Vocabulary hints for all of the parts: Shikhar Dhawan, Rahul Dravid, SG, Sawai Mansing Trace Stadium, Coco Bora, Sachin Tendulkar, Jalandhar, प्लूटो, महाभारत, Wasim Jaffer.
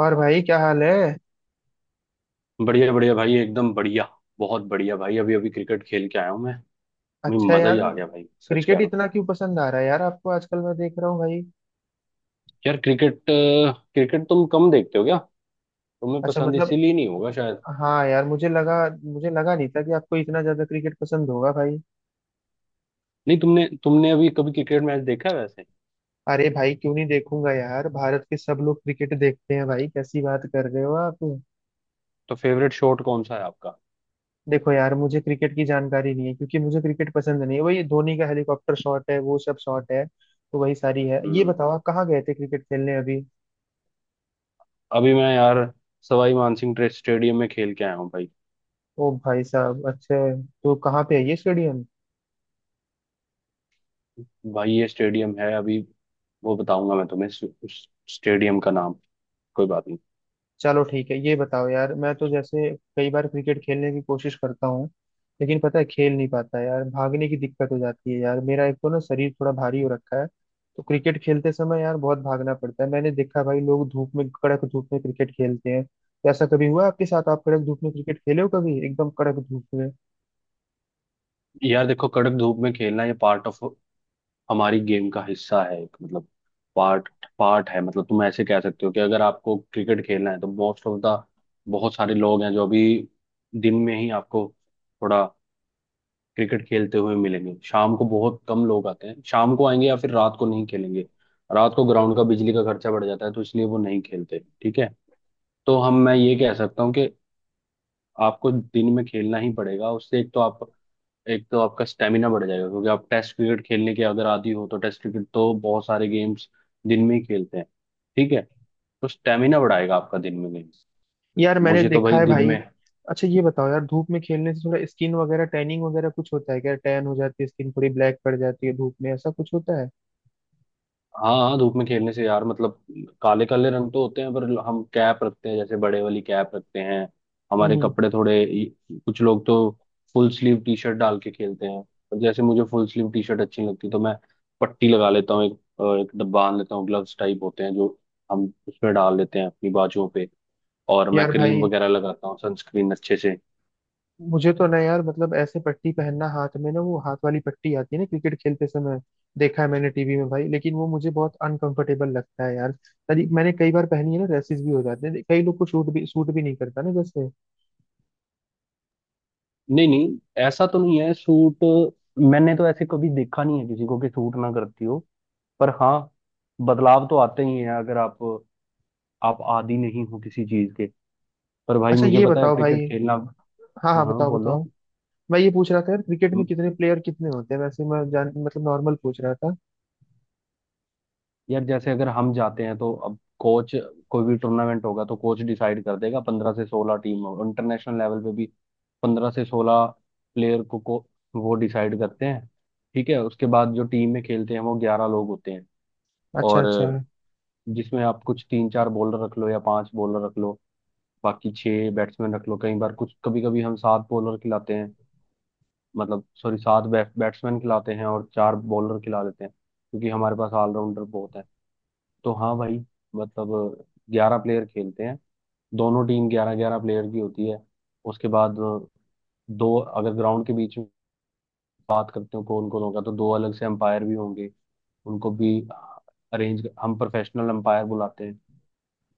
और भाई, क्या हाल है? बढ़िया बढ़िया भाई एकदम बढ़िया। बहुत बढ़िया भाई, अभी अभी क्रिकेट खेल के आया हूँ मैं अच्छा मजा ही यार। आ गया भाई, सच कह क्रिकेट रहा हूँ। इतना क्यों पसंद आ रहा है यार आपको आजकल? मैं देख रहा हूँ भाई। यार क्रिकेट क्रिकेट तुम कम देखते हो क्या? तुम्हें अच्छा पसंद मतलब। इसीलिए नहीं होगा शायद। हाँ यार, मुझे लगा नहीं था कि आपको इतना ज्यादा क्रिकेट पसंद होगा भाई। नहीं तुमने तुमने अभी कभी क्रिकेट मैच देखा है वैसे? अरे भाई क्यों नहीं देखूंगा यार, भारत के सब लोग क्रिकेट देखते हैं भाई। कैसी बात कर रहे हो आप? तो फेवरेट शॉट कौन सा है आपका? देखो यार, मुझे क्रिकेट की जानकारी नहीं है क्योंकि मुझे क्रिकेट पसंद नहीं है। वही धोनी का हेलीकॉप्टर शॉट है, वो सब शॉट है। तो वही सारी है। ये हम्म। बताओ आप कहाँ गए थे क्रिकेट खेलने अभी? अभी मैं यार सवाई मानसिंह ट्रेस्ट स्टेडियम में खेल के आया हूँ भाई। ओ भाई साहब, अच्छा। तो कहाँ पे है ये स्टेडियम? भाई ये स्टेडियम है, अभी वो बताऊंगा मैं तुम्हें उस स्टेडियम का नाम। कोई बात नहीं। चलो ठीक है। ये बताओ यार, मैं तो जैसे कई बार क्रिकेट खेलने की कोशिश करता हूँ, लेकिन पता है, खेल नहीं पाता यार। भागने की दिक्कत हो जाती है यार। मेरा एक तो ना शरीर थोड़ा भारी हो रखा है। तो क्रिकेट खेलते समय यार बहुत भागना पड़ता है। मैंने देखा भाई, लोग धूप में, कड़क धूप में क्रिकेट खेलते हैं। तो ऐसा कभी हुआ आपके साथ, आप कड़क धूप में क्रिकेट खेले हो कभी, एकदम कड़क धूप में? यार देखो, कड़क धूप में खेलना ये पार्ट ऑफ हमारी गेम का हिस्सा है, एक मतलब पार्ट पार्ट है। मतलब तुम ऐसे कह सकते हो कि अगर आपको क्रिकेट खेलना है तो मोस्ट ऑफ द बहुत सारे लोग हैं जो अभी दिन में ही आपको थोड़ा क्रिकेट खेलते हुए मिलेंगे। शाम को बहुत कम लोग आते हैं, शाम को आएंगे या फिर रात को नहीं खेलेंगे। रात को ग्राउंड का बिजली का खर्चा बढ़ जाता है तो इसलिए वो नहीं खेलते। ठीक है। तो हम मैं ये कह सकता हूँ कि आपको दिन में खेलना ही पड़ेगा, उससे एक तो आपका स्टेमिना बढ़ जाएगा, क्योंकि आप टेस्ट क्रिकेट खेलने के अगर आदी हो तो टेस्ट क्रिकेट तो बहुत सारे गेम्स दिन में ही खेलते हैं। ठीक है। तो स्टेमिना बढ़ाएगा आपका दिन में गेम। यार मैंने मुझे तो देखा भाई है दिन भाई। में। अच्छा ये बताओ यार, धूप में खेलने से थोड़ा स्किन वगैरह, टैनिंग वगैरह कुछ होता है क्या? टैन हो जाती है स्किन, थोड़ी ब्लैक पड़ जाती है धूप में, ऐसा कुछ होता है? हाँ हाँ, धूप में खेलने से यार मतलब काले काले रंग तो होते हैं, पर हम कैप रखते हैं, जैसे बड़े वाली कैप रखते हैं। हमारे हम्म। कपड़े थोड़े, कुछ लोग तो फुल स्लीव टी शर्ट डाल के खेलते हैं। पर जैसे मुझे फुल स्लीव टी शर्ट अच्छी नहीं लगती तो मैं पट्टी लगा लेता हूँ, एक बांध लेता हूँ, ग्लव्स टाइप होते हैं जो हम उसमें डाल लेते हैं अपनी बाजुओं पे। और मैं यार क्रीम भाई, वगैरह लगाता हूँ, सनस्क्रीन अच्छे से। मुझे तो ना यार मतलब ऐसे पट्टी पहनना हाथ में ना, वो हाथ वाली पट्टी आती है ना क्रिकेट खेलते समय, देखा है मैंने टीवी में भाई। लेकिन वो मुझे बहुत अनकंफर्टेबल लगता है यार। मैंने कई बार पहनी है ना, रैसेस भी हो जाते हैं। कई लोग को शूट भी सूट भी नहीं करता ना जैसे। नहीं नहीं, ऐसा तो नहीं है। सूट मैंने तो ऐसे कभी देखा नहीं है किसी को कि सूट ना करती हो। पर हाँ, बदलाव तो आते ही हैं अगर आप आदी नहीं हो किसी चीज के। पर भाई अच्छा मुझे ये पता है बताओ भाई। क्रिकेट खेलना। हाँ हाँ हाँ, हाँ, बताओ बोलो। बताओ। मैं ये पूछ रहा था यार, क्रिकेट में कितने प्लेयर कितने होते हैं वैसे? मैं जान मतलब नॉर्मल पूछ रहा था। यार जैसे अगर हम जाते हैं तो अब कोच, कोई भी टूर्नामेंट होगा तो कोच डिसाइड कर देगा, 15 से 16 टीम हो इंटरनेशनल लेवल पे भी। 15 से 16 प्लेयर को वो डिसाइड करते हैं। ठीक है। उसके बाद जो टीम में खेलते हैं वो 11 लोग होते हैं। अच्छा और अच्छा। जिसमें आप कुछ तीन चार बॉलर रख लो या पांच बॉलर रख लो, बाकी छह बैट्समैन रख लो। कई बार कुछ, कभी कभी हम सात बॉलर खिलाते हैं, मतलब सॉरी सात बैट्समैन खिलाते हैं, और चार बॉलर खिला देते हैं क्योंकि हमारे पास ऑलराउंडर बहुत है। तो हाँ भाई, मतलब 11 प्लेयर खेलते हैं, दोनों टीम 11-11 प्लेयर की होती है। उसके बाद दो, अगर ग्राउंड के बीच में बात करते हो कौन कौन होगा तो दो अलग से अंपायर भी होंगे। उनको भी अरेंज, हम प्रोफेशनल अंपायर बुलाते हैं।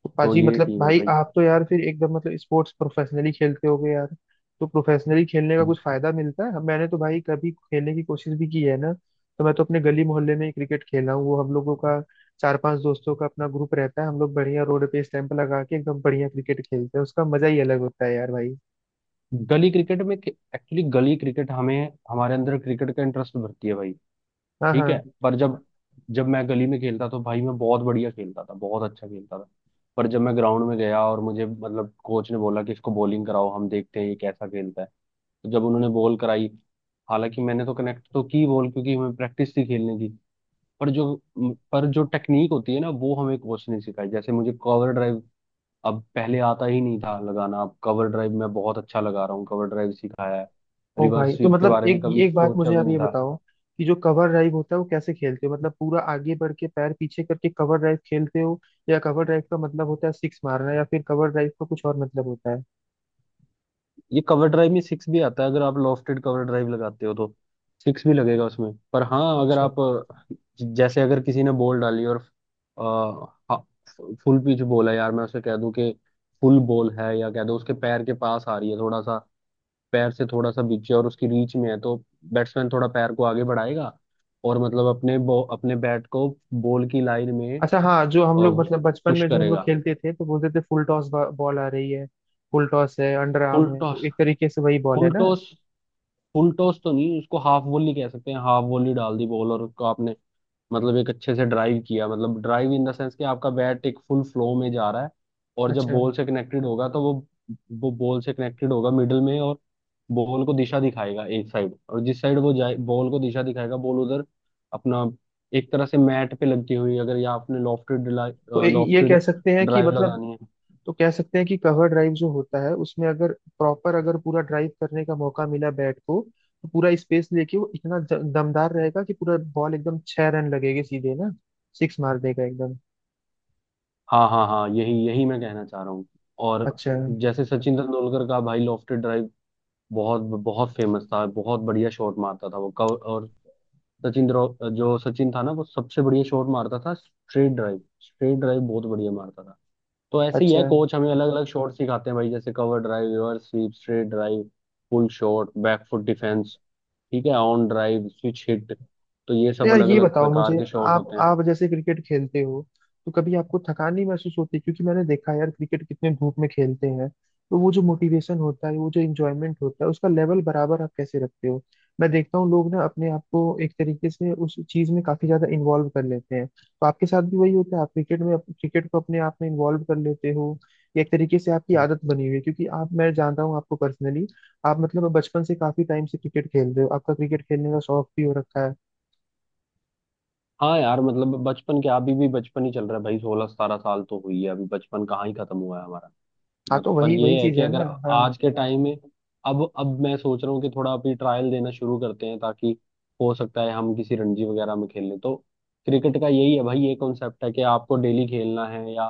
तो तो पाजी, ये मतलब टीम है भाई भाई। आप तो यार फिर एकदम मतलब स्पोर्ट्स प्रोफेशनली खेलते होगे यार। तो प्रोफेशनली खेलने का कुछ फायदा मिलता है? मैंने तो भाई कभी खेलने की कोशिश भी की है ना, तो मैं तो अपने गली मोहल्ले में ही क्रिकेट खेला हूँ। वो हम लोगों का, चार पांच दोस्तों का अपना ग्रुप रहता है। हम लोग बढ़िया रोड पे स्टैंप लगा के एकदम बढ़िया क्रिकेट खेलते हैं। उसका मजा ही अलग होता है यार भाई। गली क्रिकेट में एक्चुअली गली क्रिकेट हमें, हमारे अंदर क्रिकेट का इंटरेस्ट भरती है भाई। हाँ ठीक है। हाँ। पर जब, जब मैं गली में खेलता तो भाई मैं बहुत बढ़िया खेलता था, बहुत अच्छा खेलता था। पर जब मैं ग्राउंड में गया और मुझे मतलब कोच ने बोला कि इसको बॉलिंग कराओ, हम देखते हैं ये कैसा खेलता है। तो जब उन्होंने बॉल कराई, हालांकि मैंने तो कनेक्ट तो की बॉल क्योंकि हमें प्रैक्टिस थी खेलने की। पर जो पर जो टेक्निक होती है ना वो हमें कोच ने सिखाई, जैसे मुझे कवर ड्राइव अब पहले आता ही नहीं था लगाना, अब कवर ड्राइव मैं बहुत अच्छा लगा रहा हूँ, कवर ड्राइव सिखाया है। ओ भाई, रिवर्स तो स्वीप के मतलब बारे में एक कभी एक बात सोचा मुझे भी आप नहीं ये था। बताओ, कि जो कवर ड्राइव होता है, वो कैसे खेलते हो? मतलब पूरा आगे बढ़ के पैर पीछे करके कवर ड्राइव खेलते हो, या कवर ड्राइव का मतलब होता है सिक्स मारना, या फिर कवर ड्राइव का कुछ और मतलब होता है? ये कवर ड्राइव में सिक्स भी आता है, अगर आप लॉफ्टेड कवर ड्राइव लगाते हो तो सिक्स भी लगेगा उसमें। पर हाँ अगर अच्छा आप जैसे अगर किसी ने बॉल डाली और फुल पिच बॉल है यार, मैं उसे कह दूं कि फुल बॉल है, या कह दो उसके पैर के पास आ रही है थोड़ा सा, पैर से थोड़ा सा बीचे और उसकी रीच में है, तो बैट्समैन थोड़ा पैर को आगे बढ़ाएगा और मतलब अपने बैट को बॉल की लाइन में अच्छा, हाँ। जो हम लोग मतलब बचपन पुश में जो हम लोग करेगा। खेलते थे तो बोलते थे फुल टॉस, बॉल आ रही है, फुल टॉस है, अंडर आर्म फुल है, टॉस, तो एक तरीके से वही बॉल है फुल ना? टॉस, फुल टॉस तो नहीं, उसको हाफ वॉली कह सकते हैं। हाफ वॉली डाल दी बॉल और उसको आपने मतलब एक अच्छे से ड्राइव किया, मतलब ड्राइव इन द सेंस कि आपका बैट एक फुल फ्लो में जा रहा है, और जब अच्छा। बॉल से कनेक्टेड होगा तो वो बॉल से कनेक्टेड होगा मिडल में, और बॉल को दिशा दिखाएगा एक साइड, और जिस साइड वो जाए बॉल को दिशा दिखाएगा, बॉल उधर अपना, एक तरह से मैट पे लगती हुई, अगर या आपने लॉफ्टेड तो ये लॉफ्टेड कह सकते हैं कि ड्राइव मतलब, लगानी है। तो कह सकते हैं कि कवर ड्राइव जो होता है उसमें अगर प्रॉपर, अगर पूरा ड्राइव करने का मौका मिला बैट को, तो पूरा स्पेस लेके वो इतना दमदार रहेगा कि पूरा बॉल एकदम छह रन लगेगी सीधे ना, सिक्स मार देगा एकदम। हाँ हाँ हाँ, यही यही मैं कहना चाह रहा हूँ। और अच्छा जैसे सचिन तेंदुलकर का भाई लॉफ्टेड ड्राइव बहुत बहुत फेमस था, बहुत बढ़िया शॉट मारता था वो और जो सचिन था ना वो सबसे बढ़िया शॉट मारता था, स्ट्रेट ड्राइव, स्ट्रेट ड्राइव बहुत बढ़िया मारता था। तो ऐसे ही है, अच्छा। कोच हमें अलग अलग शॉट सिखाते हैं भाई, जैसे cover drive, reverse sweep, straight drive, pull shot, back foot defence, ठीक है, ऑन ड्राइव, स्विच हिट। तो ये तो सब यार अलग ये अलग बताओ प्रकार मुझे, के शॉट आप होते आप जैसे क्रिकेट खेलते हो, तो कभी आपको थकान नहीं महसूस होती? क्योंकि मैंने देखा है यार क्रिकेट कितने धूप में खेलते हैं, तो वो जो मोटिवेशन होता है, वो जो इंजॉयमेंट होता है, उसका लेवल बराबर आप कैसे रखते हो? मैं देखता हूँ लोग ना अपने आप को एक तरीके से उस चीज में काफी ज्यादा इन्वॉल्व कर लेते हैं, तो आपके साथ भी वही होता है? आप क्रिकेट में, क्रिकेट को अपने आप में इन्वॉल्व कर लेते हो, या एक तरीके से आपकी हैं। आदत बनी हुई है क्योंकि आप, मैं जानता हूँ आपको पर्सनली, आप मतलब बचपन से काफी टाइम से क्रिकेट खेल रहे हो, आपका क्रिकेट खेलने का शौक भी हो रखा है। हाँ यार, मतलब बचपन के अभी भी बचपन ही चल रहा है भाई, 16-17 साल तो हुई है, अभी बचपन कहाँ ही खत्म हुआ है हमारा। हाँ मत तो पर वही वही ये है चीज कि है ना? अगर हाँ। आज के टाइम में अब मैं सोच रहा हूँ कि थोड़ा अभी ट्रायल देना शुरू करते हैं, ताकि हो सकता है हम किसी रणजी वगैरह में खेल लें। तो क्रिकेट का यही है भाई, ये कॉन्सेप्ट है कि आपको डेली खेलना है, या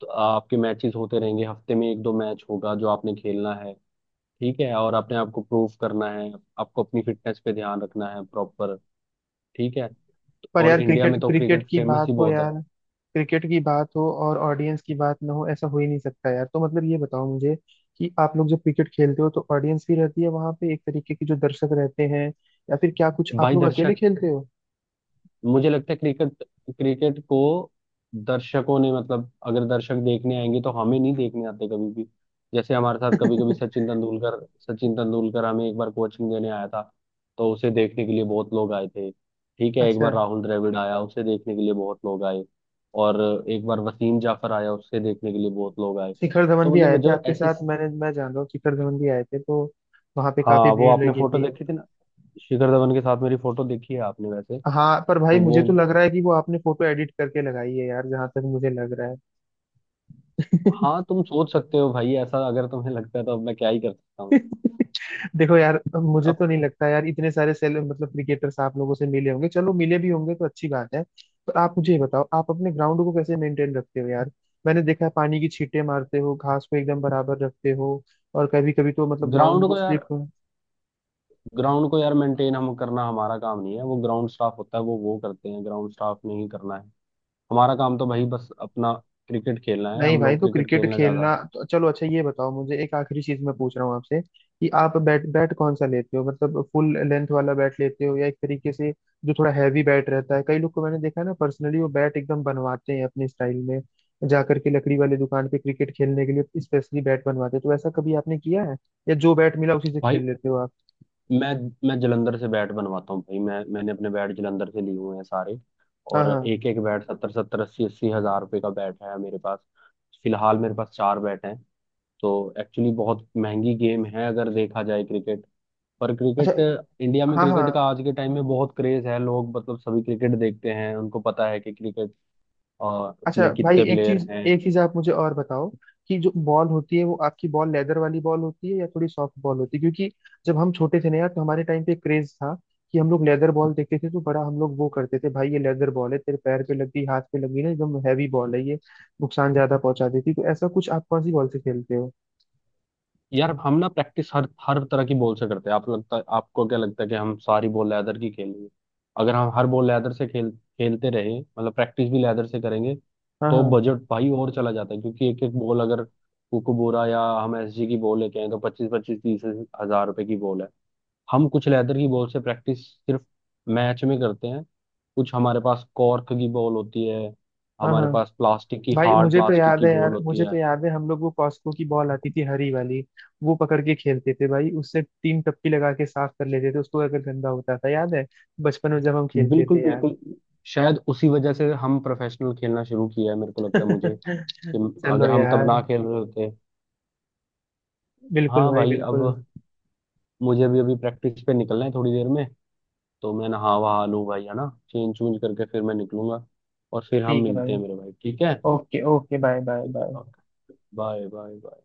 तो आपके मैचेस होते रहेंगे, हफ्ते में एक दो मैच होगा जो आपने खेलना है। ठीक है। और अपने आप को प्रूव करना है, आपको अपनी फिटनेस पे ध्यान रखना है प्रॉपर। ठीक है। पर और यार, इंडिया क्रिकेट, में तो क्रिकेट क्रिकेट की फेमस बात ही हो बहुत है। यार, क्रिकेट की बात हो और ऑडियंस की बात ना हो ऐसा हो ही नहीं सकता यार। तो मतलब ये बताओ मुझे कि आप लोग जब क्रिकेट खेलते हो तो ऑडियंस भी रहती है वहां पे, एक तरीके के जो दर्शक रहते हैं, या फिर क्या कुछ आप भाई लोग अकेले दर्शक, खेलते हो? मुझे लगता है क्रिकेट, क्रिकेट को दर्शकों ने, मतलब अगर दर्शक देखने आएंगे तो हमें नहीं देखने आते कभी भी। जैसे हमारे साथ, कभी कभी सचिन तेंदुलकर हमें एक बार कोचिंग देने आया था, तो उसे देखने के लिए बहुत लोग आए थे। ठीक है। एक अच्छा। बार राहुल द्रविड़ आया, उसे देखने के लिए बहुत लोग आए। और एक बार वसीम जाफर आया, उसे देखने के लिए बहुत लोग आए। शिखर धवन तो भी आए मतलब थे जो आपके ऐसी, साथ, मैं जान रहा हूँ शिखर धवन भी आए थे तो वहां पे काफी हाँ वो भीड़ आपने लगी फोटो थी। देखी थी ना, शिखर धवन के साथ मेरी फोटो देखी है आपने वैसे? हाँ पर भाई तो मुझे वो, तो लग रहा है कि वो आपने फोटो एडिट करके लगाई है यार, जहां तक मुझे लग रहा है। हाँ तुम सोच सकते हो भाई, ऐसा अगर तुम्हें लगता है तो अब मैं क्या ही कर सकता हूँ। देखो यार मुझे तो अब नहीं लगता यार, इतने सारे सेल मतलब क्रिकेटर्स आप लोगों से मिले होंगे। चलो मिले भी होंगे तो अच्छी बात है। पर आप मुझे ये बताओ, आप अपने ग्राउंड को कैसे मेंटेन रखते हो यार? मैंने देखा है पानी की छींटे मारते हो, घास को एकदम बराबर रखते हो, और कभी कभी तो मतलब ग्राउंड ग्राउंड को को यार स्लिप। ग्राउंड को यार मेंटेन हम करना, हमारा काम नहीं है, वो ग्राउंड स्टाफ होता है, वो करते हैं, ग्राउंड स्टाफ ने ही करना है। हमारा काम तो भाई बस अपना क्रिकेट खेलना है, नहीं हम भाई, लोग तो क्रिकेट क्रिकेट खेलना ज्यादा। खेलना तो चलो। अच्छा ये बताओ मुझे, एक आखिरी चीज मैं पूछ रहा हूँ आपसे, कि आप बैट बैट कौन सा लेते हो? मतलब फुल लेंथ वाला बैट लेते हो या एक तरीके से जो थोड़ा हैवी बैट रहता है? कई लोग को मैंने देखा है ना, पर्सनली वो बैट एकदम बनवाते हैं अपने स्टाइल में, जा करके लकड़ी वाले दुकान पे, क्रिकेट खेलने के लिए स्पेशली बैट बनवाते हैं। तो ऐसा कभी आपने किया है, या जो बैट मिला उसी से भाई खेल लेते हो आप? मैं मैं जलंधर से बैट बनवाता हूँ भाई, मैंने अपने बैट जलंधर से लिए हुए हैं सारे। हाँ और हाँ। एक एक बैट सत्तर सत्तर अस्सी अस्सी हजार रुपये का बैट है मेरे पास। फिलहाल मेरे पास चार बैट हैं। तो एक्चुअली बहुत महंगी गेम है अगर देखा जाए क्रिकेट। पर अच्छा। क्रिकेट, इंडिया में हाँ हाँ। क्रिकेट का आज के टाइम में बहुत क्रेज है, लोग मतलब सभी क्रिकेट देखते हैं, उनको पता है कि क्रिकेट और अच्छा में भाई, कितने प्लेयर हैं। एक चीज आप मुझे और बताओ, कि जो बॉल होती है वो आपकी बॉल, लेदर वाली बॉल होती है या थोड़ी सॉफ्ट बॉल होती है? क्योंकि जब हम छोटे थे ना यार, तो हमारे टाइम पे क्रेज था कि हम लोग लेदर बॉल देखते थे, तो बड़ा हम लोग वो करते थे भाई, ये लेदर बॉल है, तेरे पैर पे लगी हाथ पे लगी ना, एकदम हैवी बॉल है ये, नुकसान ज्यादा पहुंचा देती। तो ऐसा कुछ, आप कौन सी बॉल से खेलते हो? यार हम ना प्रैक्टिस हर हर तरह की बॉल से करते हैं। आप लगता, आपको क्या लगता है कि हम सारी बॉल लेदर की खेलेंगे? अगर हम हर बॉल लेदर से खेलते रहे, मतलब प्रैक्टिस भी लेदर से करेंगे हाँ तो हाँ। बजट भाई और चला जाता है, क्योंकि एक एक बॉल अगर कोको बोरा या हम एसजी की बॉल लेके आए तो पच्चीस पच्चीस तीस हजार रुपए की बॉल है। हम कुछ लेदर की बॉल से प्रैक्टिस सिर्फ मैच में करते हैं। कुछ हमारे पास कॉर्क की बॉल होती है, हाँ हमारे हाँ। पास प्लास्टिक की, भाई हार्ड मुझे तो प्लास्टिक याद की है बॉल यार, होती मुझे तो है। याद है हम लोग वो कॉस्को की बॉल आती थी हरी वाली, वो पकड़ के खेलते थे भाई, उससे तीन टप्पी लगा के साफ कर लेते थे उसको अगर गंदा होता था, याद है बचपन में जब हम खेलते बिल्कुल थे यार। बिल्कुल, शायद उसी वजह से हम प्रोफेशनल खेलना शुरू किया है, मेरे को लगता है मुझे, कि चलो अगर हम तब यार, ना खेल रहे होते। बिल्कुल हाँ भाई, भाई, बिल्कुल। अब मुझे भी अभी प्रैक्टिस पे निकलना है थोड़ी देर में। तो मैं नहा वहा लूँ भाई, है ना, चेंज चूंज करके फिर मैं निकलूंगा। और फिर हम ठीक है मिलते भाई। हैं मेरे भाई, ठीक है? ओके ओके, बाय बाय ठीक है, bye. Okay, bye bye bye.